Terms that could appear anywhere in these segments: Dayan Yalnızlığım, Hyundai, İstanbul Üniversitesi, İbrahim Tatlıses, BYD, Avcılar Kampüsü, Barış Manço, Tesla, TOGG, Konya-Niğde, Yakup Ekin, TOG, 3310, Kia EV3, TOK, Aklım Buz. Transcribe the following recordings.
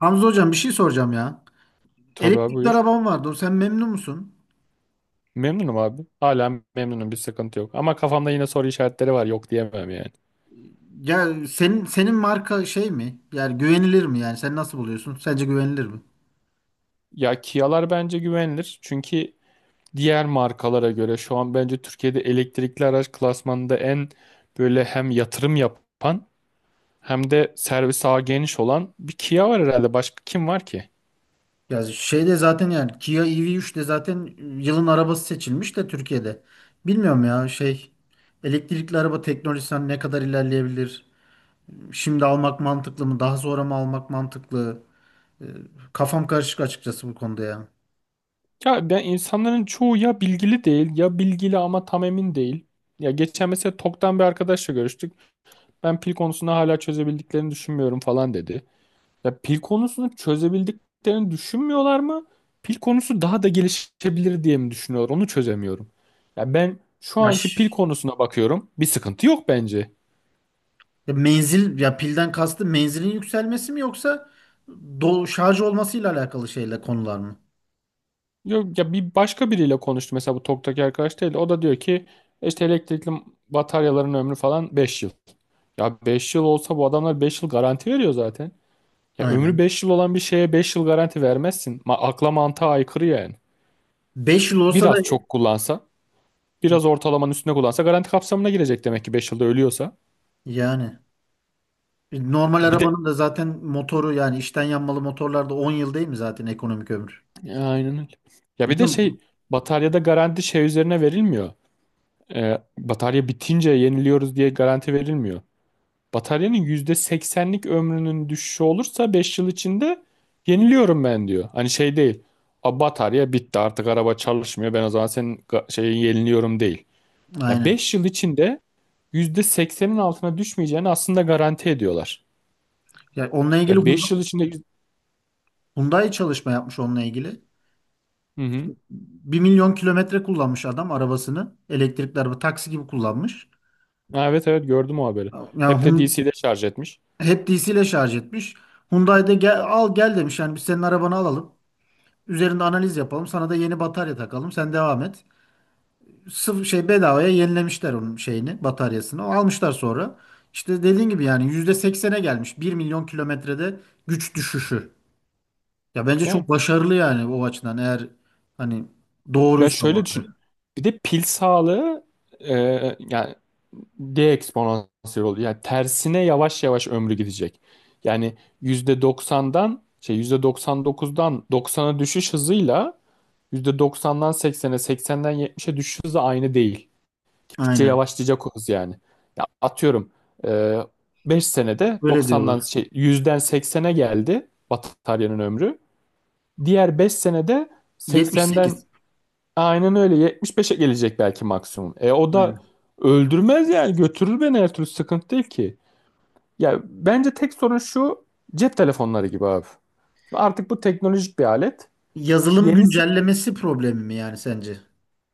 Hamza hocam bir şey soracağım ya. Tabii abi Elektrikli buyur. araban vardı. Sen memnun musun? Memnunum abi. Hala memnunum, bir sıkıntı yok. Ama kafamda yine soru işaretleri var, yok diyemem yani. Ya senin marka şey mi? Yani güvenilir mi yani? Sen nasıl buluyorsun? Sence güvenilir mi? Ya Kia'lar bence güvenilir. Çünkü diğer markalara göre şu an bence Türkiye'de elektrikli araç klasmanında en böyle hem yatırım yapan hem de servis ağı geniş olan bir Kia var herhalde. Başka kim var ki? Ya şeyde zaten yani Kia EV3 de zaten yılın arabası seçilmiş de Türkiye'de. Bilmiyorum ya şey elektrikli araba teknolojisinden ne kadar ilerleyebilir? Şimdi almak mantıklı mı? Daha sonra mı almak mantıklı? Kafam karışık açıkçası bu konuda ya. Ya ben insanların çoğu ya bilgili değil ya bilgili ama tam emin değil. Ya geçen mesela TOK'tan bir arkadaşla görüştük. Ben pil konusunda hala çözebildiklerini düşünmüyorum falan dedi. Ya pil konusunu çözebildiklerini düşünmüyorlar mı? Pil konusu daha da gelişebilir diye mi düşünüyorlar? Onu çözemiyorum. Ya ben şu anki Yaş. pil konusuna bakıyorum. Bir sıkıntı yok bence. Ya menzil ya pilden kastı menzilin yükselmesi mi yoksa şarj olmasıyla alakalı şeyler konular mı? Yok ya bir başka biriyle konuştum mesela bu TOK'taki arkadaş değil, de o da diyor ki işte elektrikli bataryaların ömrü falan 5 yıl. Ya 5 yıl olsa bu adamlar 5 yıl garanti veriyor zaten. Ya ömrü Aynen. 5 yıl olan bir şeye 5 yıl garanti vermezsin. Ma akla mantığa aykırı yani. 5 yıl olsa da Biraz çok kullansa. Biraz ortalamanın üstüne kullansa garanti kapsamına girecek demek ki 5 yılda ölüyorsa. yani normal Bir de arabanın da zaten motoru yani içten yanmalı motorlarda 10 yıl değil mi zaten ekonomik ömür? Aynen öyle. Ya bir de Biliyor şey, musun? bataryada garanti şey üzerine verilmiyor. Batarya bitince yeniliyoruz diye garanti verilmiyor. Bataryanın %80'lik ömrünün düşüşü olursa 5 yıl içinde yeniliyorum ben diyor. Hani şey değil. A, batarya bitti artık araba çalışmıyor, ben o zaman senin şeyi yeniliyorum değil. Ya Aynen. 5 yıl içinde %80'in altına düşmeyeceğini aslında garanti ediyorlar. Ya onunla ilgili Ya 5 yıl Hyundai içinde. Hyundai çalışma yapmış onunla ilgili. Hı hı. 1.000.000 kilometre kullanmış adam arabasını. Elektrikli araba taksi gibi kullanmış. Ha, evet evet, gördüm o haberi. Yani Hep de Hyun- DC'de şarj etmiş. Hep DC ile şarj etmiş. Hyundai'de gel, al gel demiş. Yani biz senin arabanı alalım. Üzerinde analiz yapalım. Sana da yeni batarya takalım. Sen devam et. Sıfır şey bedavaya yenilemişler onun şeyini, bataryasını. O almışlar sonra. İşte dediğin gibi yani %80'e gelmiş. 1.000.000 kilometrede güç düşüşü. Ya bence Yani çok başarılı yani o açıdan eğer hani ya doğruysa şöyle o. düşün. Bir de pil sağlığı, e, yani D eksponansiyel oluyor. Yani tersine yavaş yavaş ömrü gidecek. Yani %90'dan şey %99'dan %90'a düşüş hızıyla %90'dan %80'e, %80'den %70'e düşüş hızı aynı değil. Gittikçe Aynen. yavaşlayacak o hız yani. Ya atıyorum e, 5 senede Öyle %90'dan diyorlar. şey %100'den seksen'e geldi bataryanın ömrü. Diğer 5 senede %80'den, 78. aynen öyle, %75'e gelecek belki maksimum. O da Aynen. öldürmez yani, götürür beni her türlü, sıkıntı değil ki. Ya bence tek sorun şu, cep telefonları gibi abi. Artık bu teknolojik bir alet. Yazılım Yenisi güncellemesi problemi mi yani sence?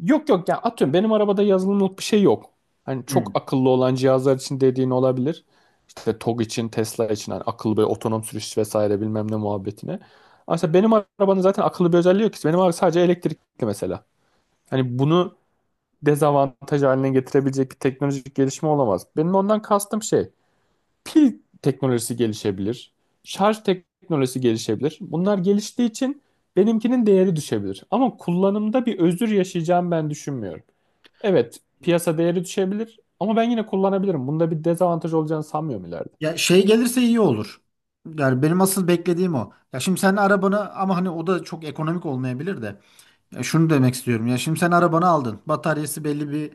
Yok yok, ya atıyorum benim arabada yazılımlık bir şey yok. Hani çok Hı. akıllı olan cihazlar için dediğin olabilir. İşte TOG için, Tesla için hani akıllı bir otonom sürüş vesaire bilmem ne muhabbetine. Aslında benim arabanın zaten akıllı bir özelliği yok ki. Benim araba sadece elektrikli mesela. Hani bunu dezavantaj haline getirebilecek bir teknolojik gelişme olamaz. Benim ondan kastım şey, pil teknolojisi gelişebilir, şarj teknolojisi gelişebilir. Bunlar geliştiği için benimkinin değeri düşebilir. Ama kullanımda bir özür yaşayacağım ben düşünmüyorum. Evet, piyasa değeri düşebilir ama ben yine kullanabilirim. Bunda bir dezavantaj olacağını sanmıyorum ileride. Ya şey gelirse iyi olur. Yani benim asıl beklediğim o. Ya şimdi sen arabanı ama hani o da çok ekonomik olmayabilir de. Ya şunu demek istiyorum. Ya şimdi sen arabanı aldın. Bataryası belli bir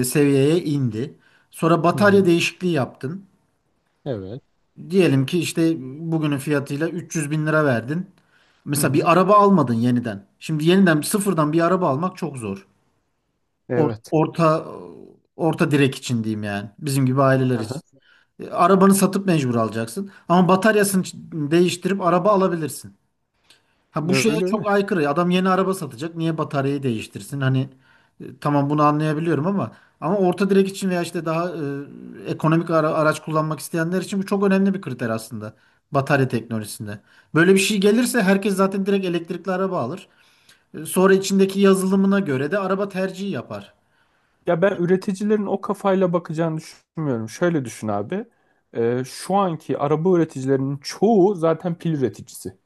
seviyeye indi. Sonra Hı batarya hı. değişikliği yaptın. Evet. Diyelim ki işte bugünün fiyatıyla 300 bin lira verdin. Hı Mesela hı. bir araba almadın yeniden. Şimdi yeniden sıfırdan bir araba almak çok zor. Or- Evet. Orta orta direk için diyeyim yani. Bizim gibi aileler için. Aha. E, arabanı satıp mecbur alacaksın. Ama bataryasını değiştirip araba alabilirsin. Ha bu şeye Öyle çok öyle. aykırı. Adam yeni araba satacak. Niye bataryayı değiştirsin? Hani tamam bunu anlayabiliyorum ama ama orta direk için veya işte daha ekonomik araç kullanmak isteyenler için bu çok önemli bir kriter aslında. Batarya teknolojisinde. Böyle bir şey gelirse herkes zaten direkt elektrikli araba alır. E, sonra içindeki yazılımına göre de araba tercihi yapar. Ya ben üreticilerin o kafayla bakacağını düşünmüyorum. Şöyle düşün abi. Şu anki araba üreticilerinin çoğu zaten pil üreticisi.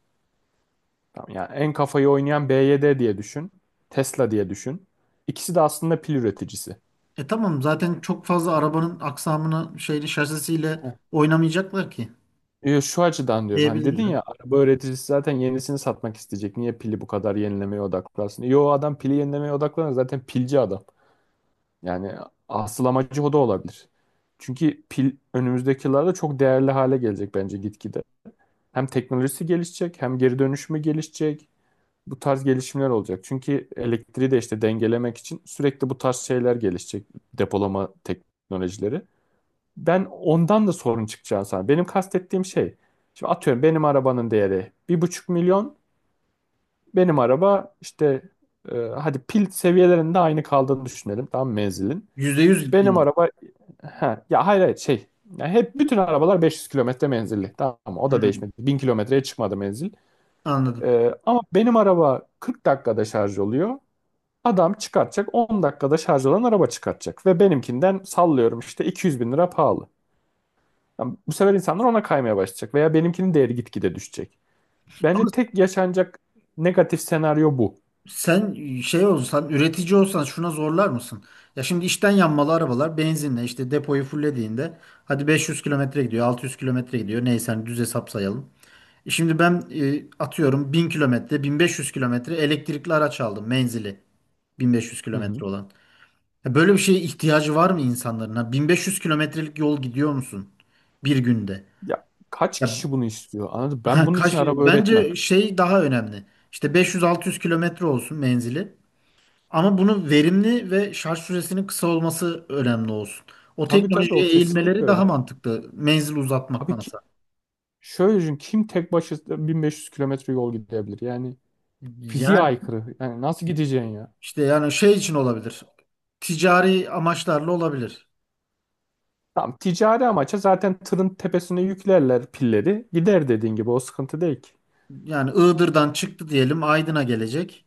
Tamam, yani en kafayı oynayan BYD diye düşün. Tesla diye düşün. İkisi de aslında pil üreticisi. E tamam zaten çok fazla arabanın aksamını şeyli şasisiyle Heh. oynamayacaklar ki. Şu açıdan diyorum. Hani dedin Diyebilirler. ya, araba üreticisi zaten yenisini satmak isteyecek. Niye pili bu kadar yenilemeye odaklansın? Yo, adam pili yenilemeye odaklanır. Zaten pilci adam. Yani asıl amacı o da olabilir. Çünkü pil önümüzdeki yıllarda çok değerli hale gelecek bence gitgide. Hem teknolojisi gelişecek hem geri dönüşümü gelişecek. Bu tarz gelişimler olacak. Çünkü elektriği de işte dengelemek için sürekli bu tarz şeyler gelişecek. Depolama teknolojileri. Ben ondan da sorun çıkacağını sanıyorum. Benim kastettiğim şey. Şimdi atıyorum benim arabanın değeri 1,5 milyon. Benim araba işte, hadi pil seviyelerinde aynı kaldığını düşünelim. Tamam, menzilin. %100 Benim değil. araba Ha, ya hayır hayır, şey. Ya hep bütün arabalar 500 kilometre menzilli. Tamam, o da Hmm, değişmedi. 1.000 kilometreye çıkmadı menzil. anladım. Ama benim araba 40 dakikada şarj oluyor. Adam çıkartacak, 10 dakikada şarj olan araba çıkartacak. Ve benimkinden sallıyorum işte 200 bin lira pahalı. Yani bu sefer insanlar ona kaymaya başlayacak veya benimkinin değeri gitgide düşecek. Ama Bence tek yaşanacak negatif senaryo bu. sen şey olsan, üretici olsan şuna zorlar mısın? Ya şimdi içten yanmalı arabalar benzinle işte depoyu fullediğinde hadi 500 kilometre gidiyor, 600 kilometre gidiyor. Neyse hani düz hesap sayalım. E şimdi ben atıyorum 1000 kilometre, 1500 kilometre elektrikli araç aldım menzili 1500 Hı hı. kilometre olan. Ya böyle bir şeye ihtiyacı var mı insanların? Ha, 1500 kilometrelik yol gidiyor musun bir günde? Ya kaç Ya kişi bunu istiyor? Anladın mı? Ben Aha, bunun için kaç araba öğretmem. bence şey daha önemli. İşte 500-600 kilometre olsun menzili. Ama bunun verimli ve şarj süresinin kısa olması önemli olsun. O Tabii tabii, teknolojiye o kesinlikle eğilmeleri daha öyle. mantıklı. Menzil Abi ki, uzatmaktansa. şöyle düşün, kim tek başına 1.500 kilometre yol gidebilir? Yani fiziğe Yani aykırı. Yani nasıl gideceksin ya? işte yani şey için olabilir. Ticari amaçlarla olabilir. Tam ticari amaça zaten tırın tepesine yüklerler pilleri. Gider, dediğin gibi, o sıkıntı değil ki. Yani Iğdır'dan çıktı diyelim Aydın'a gelecek.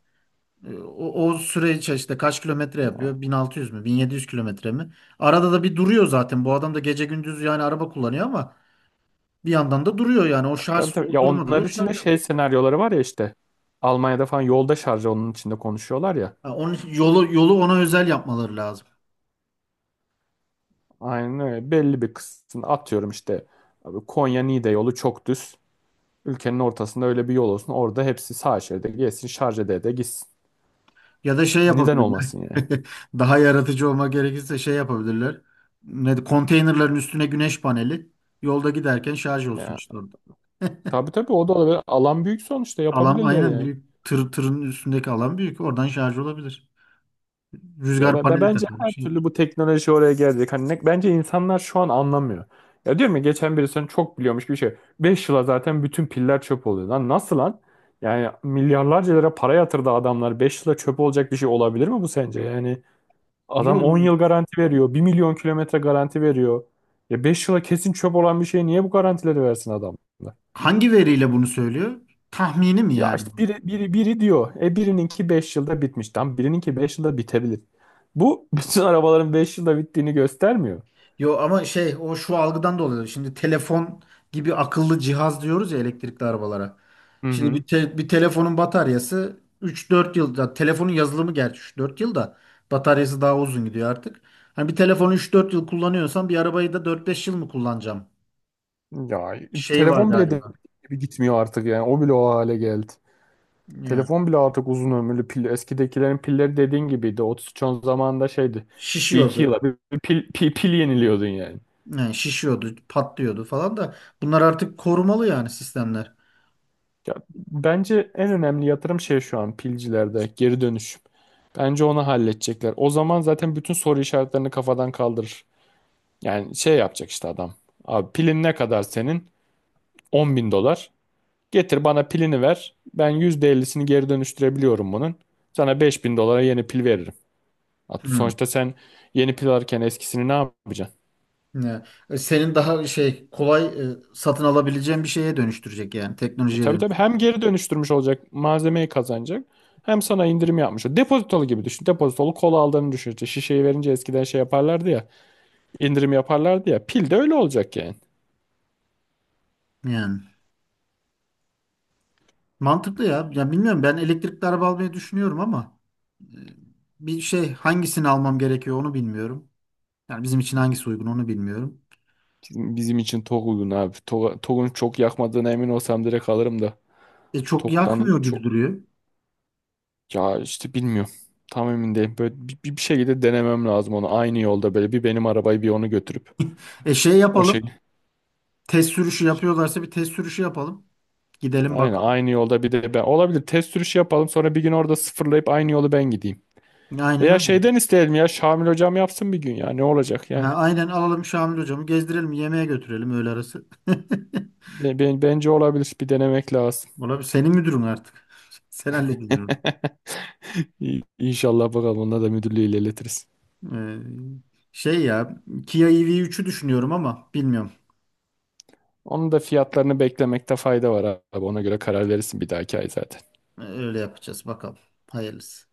E, o, o süre içerisinde kaç kilometre Ya, yapıyor? 1600 mü? 1700 kilometre mi? Arada da bir duruyor zaten. Bu adam da gece gündüz yani araba kullanıyor ama bir yandan da duruyor yani. O tabii şarj tabii. Ya durmadı da onlar o için de şarj yapıyor. şey senaryoları var ya işte. Almanya'da falan yolda şarjı onun içinde konuşuyorlar ya. Ha, onun için yolu ona özel yapmaları lazım. Aynen öyle. Belli bir kısmını atıyorum işte. Abi Konya-Niğde yolu çok düz. Ülkenin ortasında öyle bir yol olsun. Orada hepsi sağ şeride gelsin, şarj ede de gitsin. Ya da şey Neden yapabilirler. olmasın yani. Daha yaratıcı olmak gerekirse şey yapabilirler. Ne, konteynerların üstüne güneş paneli. Yolda giderken şarj olsun Ya, işte orada. tabii tabii o da olabilir. Alan büyük sonuçta, Alan yapabilirler aynen yani. büyük. Tır, tırın üstündeki alan büyük. Oradan şarj olabilir. Ya Rüzgar paneli bence takar. Bir her şey. türlü bu teknoloji oraya gelecek. Hani bence insanlar şu an anlamıyor. Ya diyorum ya, geçen biri sen çok biliyormuş bir şey. 5 yıla zaten bütün piller çöp oluyor. Lan nasıl lan? Yani milyarlarca lira para yatırdı adamlar. 5 yıla çöp olacak bir şey olabilir mi bu sence? Yani adam Yok. 10 yıl garanti veriyor. 1.000.000 kilometre garanti veriyor. Ya 5 yıla kesin çöp olan bir şey niye bu garantileri versin adam? Hangi veriyle bunu söylüyor? Tahmini mi Ya yani? işte biri, biri, biri diyor. Birininki 5 yılda bitmiş. Tam birininki 5 yılda bitebilir. Bu bütün arabaların 5 yılda bittiğini göstermiyor. Yo ama şey o şu algıdan dolayı. Şimdi telefon gibi akıllı cihaz diyoruz ya elektrikli arabalara. Hı Şimdi hı. Bir telefonun bataryası 3-4 yılda telefonun yazılımı gerçi 3-4 yılda bataryası daha uzun gidiyor artık. Hani bir telefonu 3-4 yıl kullanıyorsan bir arabayı da 4-5 yıl mı kullanacağım? Ya Şey var telefon bile de galiba. gibi gitmiyor artık yani. O bile o hale geldi. Yani Telefon bile artık uzun ömürlü pil. Eskidekilerin pilleri dediğin gibiydi. 3310 zamanında şeydi. Bir iki şişiyordu. yıla bir pil yeniliyordun yani. Yani şişiyordu, patlıyordu falan da bunlar artık korumalı yani sistemler. Ya, bence en önemli yatırım şey, şu an pilcilerde geri dönüşüm. Bence onu halledecekler. O zaman zaten bütün soru işaretlerini kafadan kaldırır. Yani şey yapacak işte adam. Abi pilin ne kadar senin? 10.000 dolar. Getir bana pilini ver. Ben %50'sini geri dönüştürebiliyorum bunun. Sana 5.000 dolara yeni pil veririm. Sonuçta sen yeni pil alırken eskisini ne yapacaksın? Ya, senin daha şey kolay satın alabileceğin bir şeye dönüştürecek yani teknolojiye Tabii dön. tabii, hem geri dönüştürmüş olacak, malzemeyi kazanacak. Hem sana indirim yapmış. Olacak. Depozitolu gibi düşün. Depozitolu kola aldığını düşün. İşte şişeyi verince eskiden şey yaparlardı ya. İndirim yaparlardı ya. Pil de öyle olacak yani. Yani mantıklı ya. Ya bilmiyorum ben elektrikli araba almayı düşünüyorum ama e, bir şey hangisini almam gerekiyor onu bilmiyorum. Yani bizim için hangisi uygun onu bilmiyorum. Bizim için çok uygun abi. Togg'un çok yakmadığına emin olsam direkt alırım da. E çok Tok'tan yakmıyor gibi çok, duruyor. ya işte bilmiyorum. Tam emin değilim. Böyle bir şekilde denemem lazım onu. Aynı yolda böyle bir benim arabayı bir onu götürüp E şey o yapalım. şey. Test sürüşü yapıyorlarsa bir test sürüşü yapalım. Gidelim Aynı bakalım. aynı yolda bir de ben. Olabilir, test sürüşü yapalım, sonra bir gün orada sıfırlayıp aynı yolu ben gideyim. Aynen Veya öyle. şeyden isteyelim ya, Şamil hocam yapsın bir gün, ya ne olacak yani. Ha, aynen alalım Şamil hocamı gezdirelim yemeğe götürelim öğle arası. Bence olabilir, bir denemek lazım. Buna bir senin müdürün artık. Sen halledin onu. İnşallah bakalım, onda da müdürlüğü ilerletiriz. Ee, Şey ya Kia EV3'ü düşünüyorum ama bilmiyorum. Onun da fiyatlarını beklemekte fayda var abi. Ona göre karar verirsin bir dahaki ay zaten. Öyle yapacağız bakalım. Hayırlısı.